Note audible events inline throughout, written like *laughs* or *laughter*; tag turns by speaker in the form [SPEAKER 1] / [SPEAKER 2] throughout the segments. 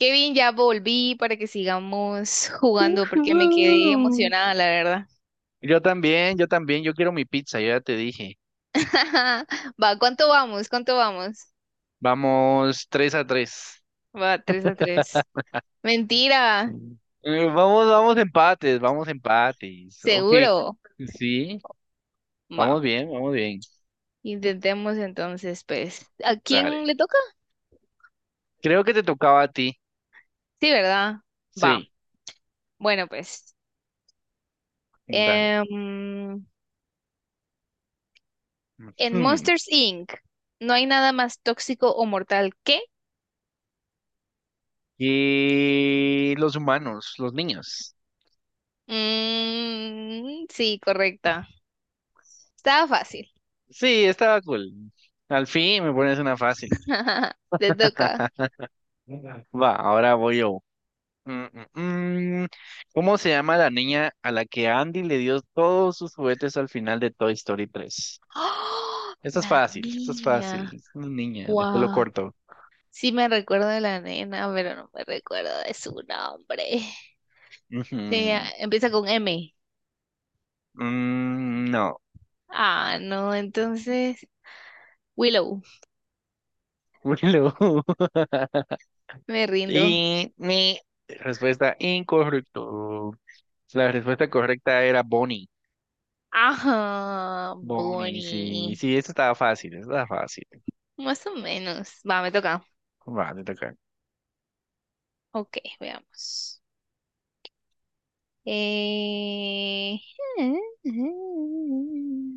[SPEAKER 1] Kevin, ya volví para que sigamos jugando porque me quedé
[SPEAKER 2] Ujú.
[SPEAKER 1] emocionada, la verdad.
[SPEAKER 2] Yo también, yo también, yo quiero mi pizza, yo ya te dije.
[SPEAKER 1] *laughs* Va, ¿cuánto vamos? ¿Cuánto vamos?
[SPEAKER 2] Vamos tres a 3.
[SPEAKER 1] Va, 3-3. Mentira,
[SPEAKER 2] Vamos, vamos empates, vamos empates. Ok.
[SPEAKER 1] seguro.
[SPEAKER 2] Sí,
[SPEAKER 1] Va,
[SPEAKER 2] vamos bien, vamos bien.
[SPEAKER 1] intentemos entonces, pues. ¿A quién
[SPEAKER 2] Dale.
[SPEAKER 1] le toca?
[SPEAKER 2] Creo que te tocaba a ti.
[SPEAKER 1] Sí, ¿verdad? Va,
[SPEAKER 2] Sí,
[SPEAKER 1] bueno, pues.
[SPEAKER 2] dale.
[SPEAKER 1] em, en
[SPEAKER 2] Ujú.
[SPEAKER 1] Monsters Inc. no hay nada más tóxico o mortal que...
[SPEAKER 2] Y los humanos, los niños.
[SPEAKER 1] Mm, sí, correcta. Estaba fácil.
[SPEAKER 2] Sí, estaba cool. Al fin me pones una fácil.
[SPEAKER 1] *laughs* Te toca.
[SPEAKER 2] *laughs* Va, ahora voy yo. Mm, mm, mm. ¿Cómo se llama la niña a la que Andy le dio todos sus juguetes al final de Toy Story tres?
[SPEAKER 1] ¡Ah!
[SPEAKER 2] Esto es
[SPEAKER 1] La
[SPEAKER 2] fácil, esto es fácil.
[SPEAKER 1] niña.
[SPEAKER 2] Es una niña de pelo
[SPEAKER 1] Guau.
[SPEAKER 2] corto.
[SPEAKER 1] Sí me recuerdo de la nena, pero no me recuerdo de su nombre. Sí, ah,
[SPEAKER 2] Ujú.
[SPEAKER 1] empieza con M.
[SPEAKER 2] Mm, no.
[SPEAKER 1] Ah, no, entonces Willow.
[SPEAKER 2] Willow. *laughs*
[SPEAKER 1] Me rindo.
[SPEAKER 2] Y mi respuesta incorrecto. La respuesta correcta era Bonnie.
[SPEAKER 1] Ajá,
[SPEAKER 2] Bonnie, sí,
[SPEAKER 1] Bonnie.
[SPEAKER 2] sí, esto estaba fácil, esto estaba fácil.
[SPEAKER 1] Más o menos. Va, me toca.
[SPEAKER 2] Va, te toca.
[SPEAKER 1] Ok, veamos. Eh... *laughs*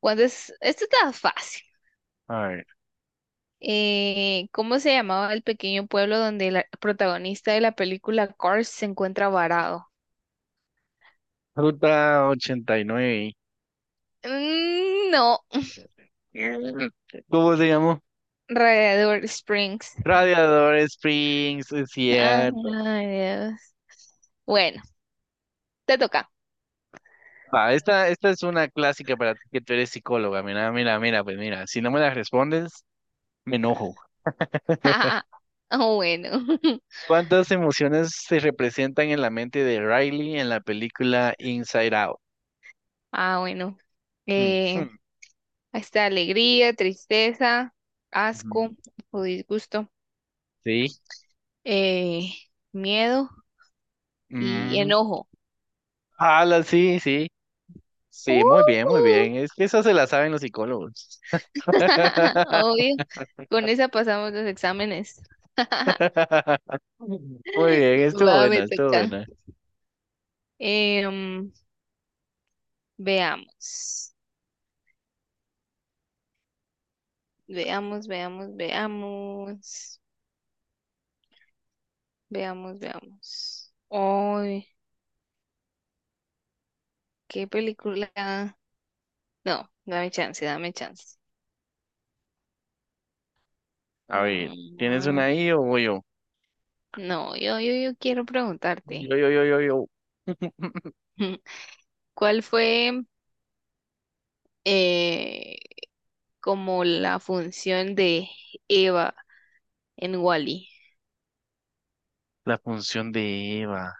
[SPEAKER 1] ¿Cuántas? Esto está fácil.
[SPEAKER 2] A ver.
[SPEAKER 1] ¿Cómo se llamaba el pequeño pueblo donde el protagonista de la película Cars se encuentra varado?
[SPEAKER 2] Ruta 89.
[SPEAKER 1] Mm, no.
[SPEAKER 2] ¿Cómo se llamó?
[SPEAKER 1] Radiador Springs.
[SPEAKER 2] Radiador Springs, es
[SPEAKER 1] Ah,
[SPEAKER 2] cierto.
[SPEAKER 1] ay, Dios. Bueno, te toca.
[SPEAKER 2] Va, esta es una clásica para ti que tú eres psicóloga. Mira, mira, mira, pues mira, si no me la respondes, me enojo. *laughs*
[SPEAKER 1] *laughs* Ah, bueno. *laughs*
[SPEAKER 2] ¿Cuántas emociones se representan en la mente de Riley en la película Inside Out?
[SPEAKER 1] Ah, bueno.
[SPEAKER 2] Mm,
[SPEAKER 1] Eh,
[SPEAKER 2] hmm,
[SPEAKER 1] está alegría, tristeza, asco
[SPEAKER 2] ujú.
[SPEAKER 1] o disgusto,
[SPEAKER 2] Sí.
[SPEAKER 1] eh, miedo y
[SPEAKER 2] mm,
[SPEAKER 1] enojo.
[SPEAKER 2] ala, sí, sí. Sí, muy bien, muy
[SPEAKER 1] ¡Uh!
[SPEAKER 2] bien. Es que eso se la saben los psicólogos.
[SPEAKER 1] *laughs*
[SPEAKER 2] *laughs*
[SPEAKER 1] Obvio, con esa pasamos los exámenes. *laughs*
[SPEAKER 2] Muy bien, estuvo
[SPEAKER 1] Va, me
[SPEAKER 2] buena, estuvo
[SPEAKER 1] toca.
[SPEAKER 2] buena.
[SPEAKER 1] Eh, mm, veamos, veamos, veamos, veamos, veamos, veamos. Uy, qué película. No, dame chance, dame chance.
[SPEAKER 2] A ver, ¿tienes una
[SPEAKER 1] Mm,
[SPEAKER 2] ahí o voy yo?
[SPEAKER 1] no, yo quiero
[SPEAKER 2] Yo,
[SPEAKER 1] preguntarte.
[SPEAKER 2] yo, yo, yo, yo. *laughs*
[SPEAKER 1] *laughs* ¿Cuál fue, eh, como la función de Eva en Wally?
[SPEAKER 2] La función de Eva.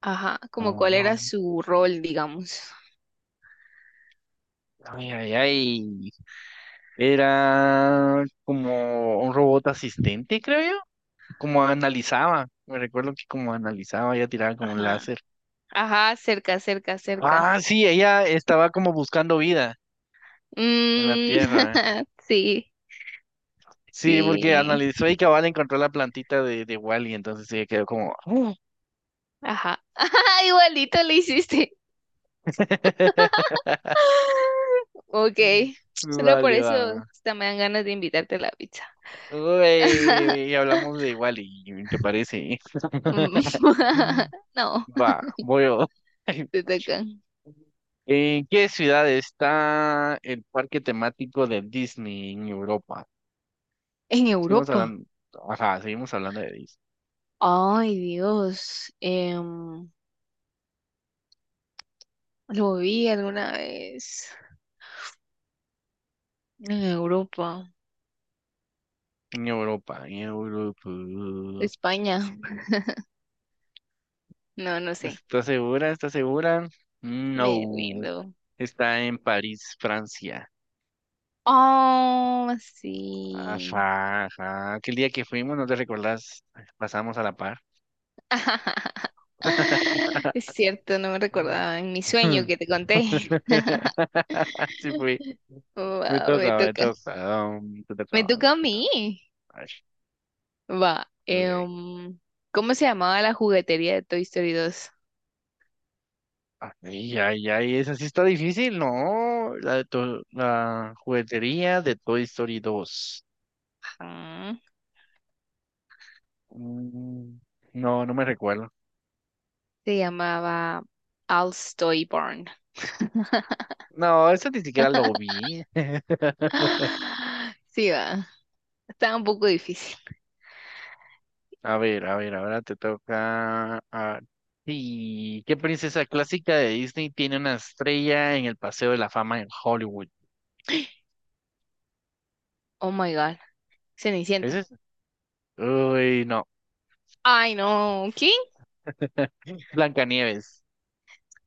[SPEAKER 1] Ajá, como cuál era su rol, digamos.
[SPEAKER 2] Ay, ay, ay. Era como un robot asistente, creo yo. Como analizaba. Me recuerdo que como analizaba, ella tiraba como un
[SPEAKER 1] Ajá,
[SPEAKER 2] láser.
[SPEAKER 1] ajá, cerca, cerca, cerca.
[SPEAKER 2] Ah, sí, ella estaba como buscando vida en la
[SPEAKER 1] Mm,
[SPEAKER 2] Tierra.
[SPEAKER 1] *laughs* sí,
[SPEAKER 2] Sí, porque
[SPEAKER 1] sí.
[SPEAKER 2] analizó y cabal encontró la plantita de Wally, entonces ella quedó como "Uh".
[SPEAKER 1] Ajá. *laughs* Ajá, igualito le hiciste.
[SPEAKER 2] *laughs*
[SPEAKER 1] *laughs* Ok. Solo por
[SPEAKER 2] Vale,
[SPEAKER 1] eso
[SPEAKER 2] va.
[SPEAKER 1] hasta me dan ganas de invitarte a la pizza.
[SPEAKER 2] Uy, y hablamos de Wally, ¿te parece?
[SPEAKER 1] Mm.
[SPEAKER 2] *laughs*
[SPEAKER 1] *laughs* No,
[SPEAKER 2] Va, voy yo.
[SPEAKER 1] te
[SPEAKER 2] *laughs*
[SPEAKER 1] tocan.
[SPEAKER 2] ¿En qué ciudad está el parque temático de Disney en Europa?
[SPEAKER 1] En
[SPEAKER 2] Seguimos
[SPEAKER 1] Europa.
[SPEAKER 2] hablando, ajá, seguimos hablando de Disney.
[SPEAKER 1] Ay, Dios. Lo vi alguna vez. En Europa.
[SPEAKER 2] En Europa, en Europa.
[SPEAKER 1] España. No, no sé.
[SPEAKER 2] ¿Estás segura? ¿Estás segura?
[SPEAKER 1] Me
[SPEAKER 2] No.
[SPEAKER 1] rindo.
[SPEAKER 2] Está en París, Francia.
[SPEAKER 1] Oh, sí.
[SPEAKER 2] Ajá, ajá. Aquel día que fuimos, ¿no te recordás? Pasamos a la par.
[SPEAKER 1] *laughs* Es
[SPEAKER 2] *laughs*
[SPEAKER 1] cierto, no me recordaba en mi sueño
[SPEAKER 2] Mm.
[SPEAKER 1] que te conté. *laughs*
[SPEAKER 2] *laughs* Sí fui. Me
[SPEAKER 1] Wow, me
[SPEAKER 2] toca, me
[SPEAKER 1] toca.
[SPEAKER 2] toca. Te
[SPEAKER 1] Me
[SPEAKER 2] toca. Me
[SPEAKER 1] toca a
[SPEAKER 2] toca.
[SPEAKER 1] mí.
[SPEAKER 2] Ay,
[SPEAKER 1] Va.
[SPEAKER 2] dale,
[SPEAKER 1] eh,
[SPEAKER 2] ven.
[SPEAKER 1] um, ¿cómo se llamaba la juguetería de Toy Story 2?
[SPEAKER 2] Ay, ay, ay, esa sí está difícil, ¿no? La juguetería de Toy Story dos.
[SPEAKER 1] Ah,
[SPEAKER 2] Mm, no, no me recuerdo.
[SPEAKER 1] se llamaba Al's Toy Barn. *gasps*
[SPEAKER 2] No, esa ni siquiera lo vi. *laughs*
[SPEAKER 1] Ah, sí, va. Estaba un poco difícil.
[SPEAKER 2] A ver, ahora te toca. Ah, sí, ¿qué princesa clásica de Disney tiene una estrella en el Paseo de la Fama en Hollywood?
[SPEAKER 1] Oh my God.
[SPEAKER 2] ¿Es
[SPEAKER 1] Cenicienta.
[SPEAKER 2] esa? Uy, no.
[SPEAKER 1] Ay, no. ¿Quién?
[SPEAKER 2] *laughs* Blancanieves.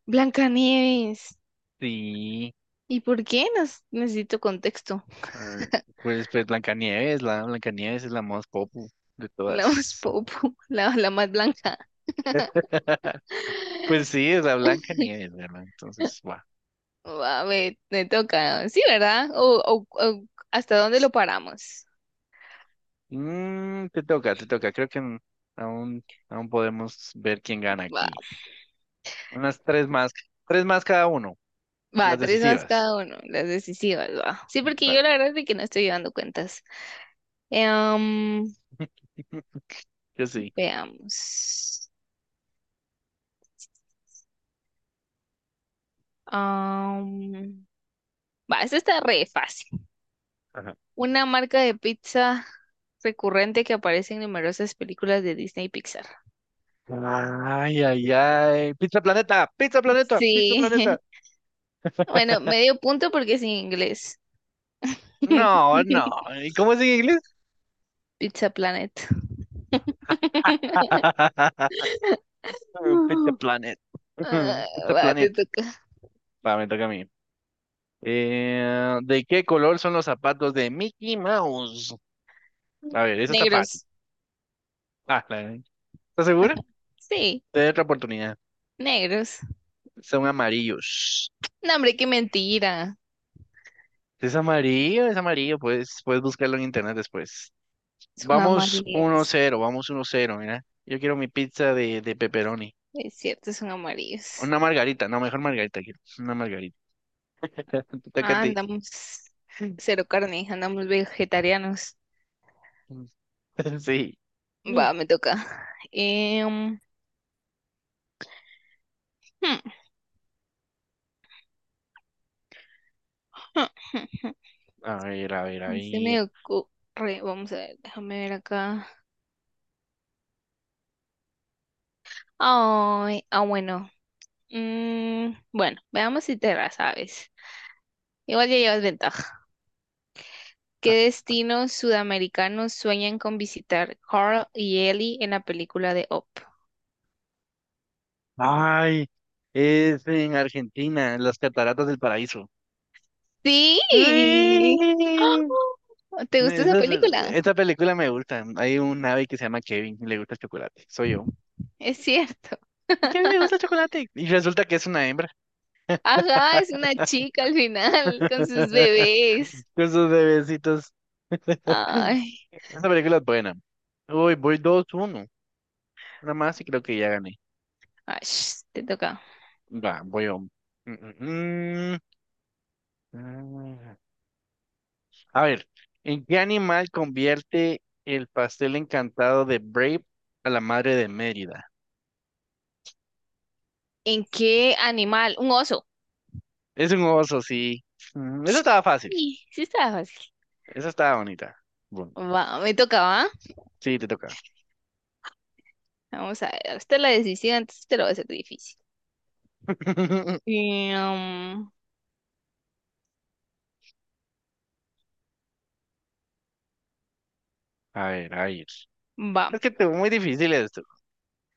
[SPEAKER 1] Blancanieves.
[SPEAKER 2] Sí.
[SPEAKER 1] ¿Y por qué? Necesito contexto. *laughs*
[SPEAKER 2] Ah, Pues Blancanieves, la Blancanieves es la más popu de
[SPEAKER 1] La más
[SPEAKER 2] todas.
[SPEAKER 1] popo, la más blanca.
[SPEAKER 2] *laughs* Pues sí, es la Blancanieves, ¿verdad? Entonces, va.
[SPEAKER 1] Oh, va, me toca. Sí, ¿verdad? O, ¿hasta dónde lo paramos?
[SPEAKER 2] Te toca, te toca. Creo que aún, aún podemos ver quién gana
[SPEAKER 1] Va,
[SPEAKER 2] aquí. Unas tres más cada uno,
[SPEAKER 1] va,
[SPEAKER 2] las
[SPEAKER 1] tres más
[SPEAKER 2] decisivas.
[SPEAKER 1] cada uno, las decisivas, va. Sí, porque yo la
[SPEAKER 2] Dale,
[SPEAKER 1] verdad es de que no estoy llevando cuentas. Em,
[SPEAKER 2] yo sí.
[SPEAKER 1] veamos. Am, va, esta está re fácil.
[SPEAKER 2] Ajá.
[SPEAKER 1] Una marca de pizza recurrente que aparece en numerosas películas de Disney y Pixar.
[SPEAKER 2] Ay, ay, ay. Pizza Planeta, Pizza Planeta, Pizza Planeta.
[SPEAKER 1] Sí. *laughs* Bueno,
[SPEAKER 2] *laughs*
[SPEAKER 1] medio punto porque es en inglés.
[SPEAKER 2] No, no.
[SPEAKER 1] *laughs*
[SPEAKER 2] ¿Y cómo es en inglés?
[SPEAKER 1] Pizza Planet.
[SPEAKER 2] *laughs* Pizza
[SPEAKER 1] No.
[SPEAKER 2] Planet.
[SPEAKER 1] Ah,
[SPEAKER 2] *laughs* Pizza
[SPEAKER 1] va, te
[SPEAKER 2] Planet.
[SPEAKER 1] toca.
[SPEAKER 2] Va, me toca a mí. ¿De qué color son los zapatos de Mickey Mouse? A ver, eso está fácil.
[SPEAKER 1] Negros.
[SPEAKER 2] Ah, ¿Estás segura?
[SPEAKER 1] Sí,
[SPEAKER 2] Te doy otra oportunidad.
[SPEAKER 1] negros.
[SPEAKER 2] Son amarillos.
[SPEAKER 1] No, hombre, qué mentira.
[SPEAKER 2] Es amarillo, pues puedes buscarlo en internet después.
[SPEAKER 1] Son amarillos.
[SPEAKER 2] Vamos uno cero, mira. Yo quiero mi pizza de pepperoni.
[SPEAKER 1] Es cierto, son amarillos.
[SPEAKER 2] Una margarita, no, mejor margarita quiero. Una margarita. *laughs* Te toca a
[SPEAKER 1] Ah,
[SPEAKER 2] ti.
[SPEAKER 1] andamos cero carne, andamos vegetarianos.
[SPEAKER 2] *laughs* Sí.
[SPEAKER 1] Va, me toca. Em, hmm, hmm, hmm,
[SPEAKER 2] A ver, a ver, a
[SPEAKER 1] hmm. Se
[SPEAKER 2] ver.
[SPEAKER 1] me ocurre. Vamos a ver, déjame ver acá. Ay, ah, bueno. Mm, bueno, veamos si te la sabes. Igual ya llevas ventaja. ¿Qué destinos sudamericanos sueñan con visitar Carl y Ellie en la película de Up?
[SPEAKER 2] Ay, es en Argentina, en las Cataratas del Paraíso.
[SPEAKER 1] Sí.
[SPEAKER 2] ¡Uy!
[SPEAKER 1] ¡Ah! ¿Te gusta esa
[SPEAKER 2] Esa,
[SPEAKER 1] película?
[SPEAKER 2] esa película me gusta. Hay un ave que se llama Kevin y le gusta el chocolate. Soy yo.
[SPEAKER 1] Es cierto.
[SPEAKER 2] ¿A Kevin le gusta el
[SPEAKER 1] *laughs*
[SPEAKER 2] chocolate? Y resulta que es una hembra.
[SPEAKER 1] Ajá, es una chica al final con sus
[SPEAKER 2] *laughs*
[SPEAKER 1] bebés.
[SPEAKER 2] Con sus bebecitos. *laughs*
[SPEAKER 1] Ay,
[SPEAKER 2] Esa película es buena. Uy, voy dos uno. Una más y creo que ya gané.
[SPEAKER 1] ash, te toca.
[SPEAKER 2] Va, voy a. Mm, mm. A ver, ¿en qué animal convierte el pastel encantado de Brave a la madre de Mérida?
[SPEAKER 1] ¿En qué animal? Un oso.
[SPEAKER 2] Es un oso, sí. Esa estaba fácil.
[SPEAKER 1] Sí, sí estaba fácil.
[SPEAKER 2] Esa estaba bonita. Bueno,
[SPEAKER 1] Va, me tocaba.
[SPEAKER 2] sí, te toca.
[SPEAKER 1] Vamos a ver. Usted la decisión, antes te lo va a hacer difícil.
[SPEAKER 2] *laughs*
[SPEAKER 1] Em,
[SPEAKER 2] A ver, a ver.
[SPEAKER 1] va.
[SPEAKER 2] Es que te muy difícil esto.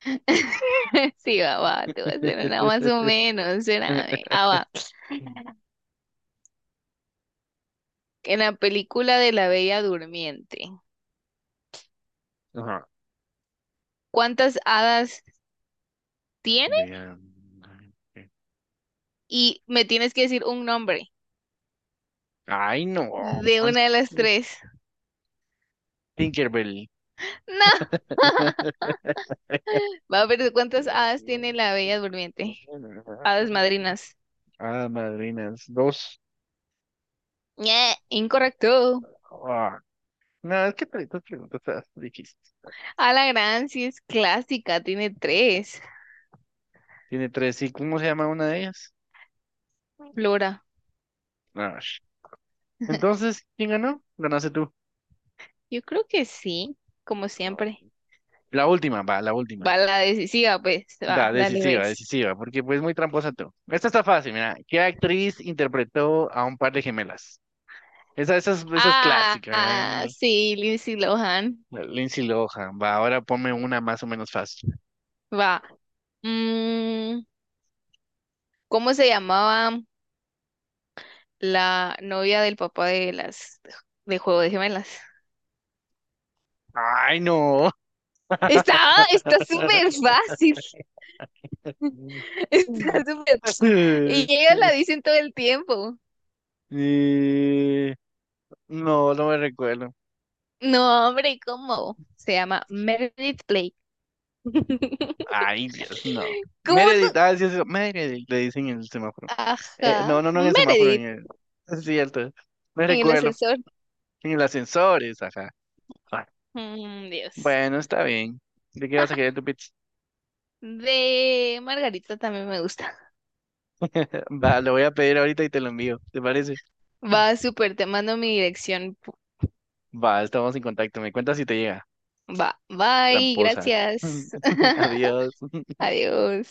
[SPEAKER 1] *laughs* Sí, va, va, te voy a hacer una más o
[SPEAKER 2] *laughs*
[SPEAKER 1] menos, espérame. Ah, va. En la película de la Bella Durmiente,
[SPEAKER 2] Ajá.
[SPEAKER 1] ¿cuántas hadas tiene?
[SPEAKER 2] Vean. eh,
[SPEAKER 1] Y me tienes que decir un nombre
[SPEAKER 2] Ay, no.
[SPEAKER 1] de una de las tres.
[SPEAKER 2] Tinkerbell.
[SPEAKER 1] No. *laughs*
[SPEAKER 2] *laughs*
[SPEAKER 1] Va, a ver, ¿cuántas hadas tiene la Bella Durmiente? Hadas madrinas.
[SPEAKER 2] Ah, madrinas. Dos.
[SPEAKER 1] Ñe, incorrecto.
[SPEAKER 2] Ah, no, es que estas preguntas están difíciles.
[SPEAKER 1] A la gran, sí es clásica, tiene tres.
[SPEAKER 2] Tiene tres. ¿Y cómo se llama una de ellas?
[SPEAKER 1] Flora.
[SPEAKER 2] Ash.
[SPEAKER 1] *laughs*
[SPEAKER 2] Entonces, ¿quién ganó? Ganaste tú.
[SPEAKER 1] Yo creo que sí, como siempre.
[SPEAKER 2] La última, va, la última.
[SPEAKER 1] Va, la decisiva, pues.
[SPEAKER 2] La
[SPEAKER 1] Va, dale,
[SPEAKER 2] decisiva,
[SPEAKER 1] ves.
[SPEAKER 2] decisiva, porque pues muy tramposa tú. Esta está fácil, mira. ¿Qué actriz interpretó a un par de gemelas? Esa es
[SPEAKER 1] Ah,
[SPEAKER 2] clásica, ¿verdad?
[SPEAKER 1] ah,
[SPEAKER 2] L-
[SPEAKER 1] sí, Lindsay Lohan.
[SPEAKER 2] la Lindsay Lohan. Va, ahora ponme una más o menos fácil.
[SPEAKER 1] Va. Mm, ¿cómo se llamaba la novia del papá de las de Juego de Gemelas?
[SPEAKER 2] ¡Ay, no!
[SPEAKER 1] Estaba, está súper
[SPEAKER 2] *laughs*
[SPEAKER 1] fácil. *laughs* Está súper. Y ellos la dicen todo el tiempo.
[SPEAKER 2] Eh, No, no me recuerdo.
[SPEAKER 1] No, hombre, ¿cómo? Se llama Meredith Blake. *laughs*
[SPEAKER 2] Ay, Dios, no.
[SPEAKER 1] ¿Cómo no?
[SPEAKER 2] Meredith, ah, sí, sí, Meredith, le dicen en el semáforo. No,
[SPEAKER 1] Ajá.
[SPEAKER 2] no, no en el semáforo, en
[SPEAKER 1] Meredith,
[SPEAKER 2] el. Es cierto, me
[SPEAKER 1] en el
[SPEAKER 2] recuerdo.
[SPEAKER 1] ascensor.
[SPEAKER 2] En el ascensor, es, ajá. Ah,
[SPEAKER 1] Mm, Dios.
[SPEAKER 2] bueno, está bien. ¿De qué vas a querer
[SPEAKER 1] *laughs*
[SPEAKER 2] tu pizza?
[SPEAKER 1] De Margarita también me gusta.
[SPEAKER 2] *laughs* Va, lo voy a pedir ahorita y te lo envío, ¿te parece?
[SPEAKER 1] Va súper, te mando mi dirección.
[SPEAKER 2] Va, estamos en contacto. Me cuentas si te llega.
[SPEAKER 1] Va, bye,
[SPEAKER 2] Tramposa.
[SPEAKER 1] gracias.
[SPEAKER 2] *laughs* Adiós.
[SPEAKER 1] *laughs* Adiós.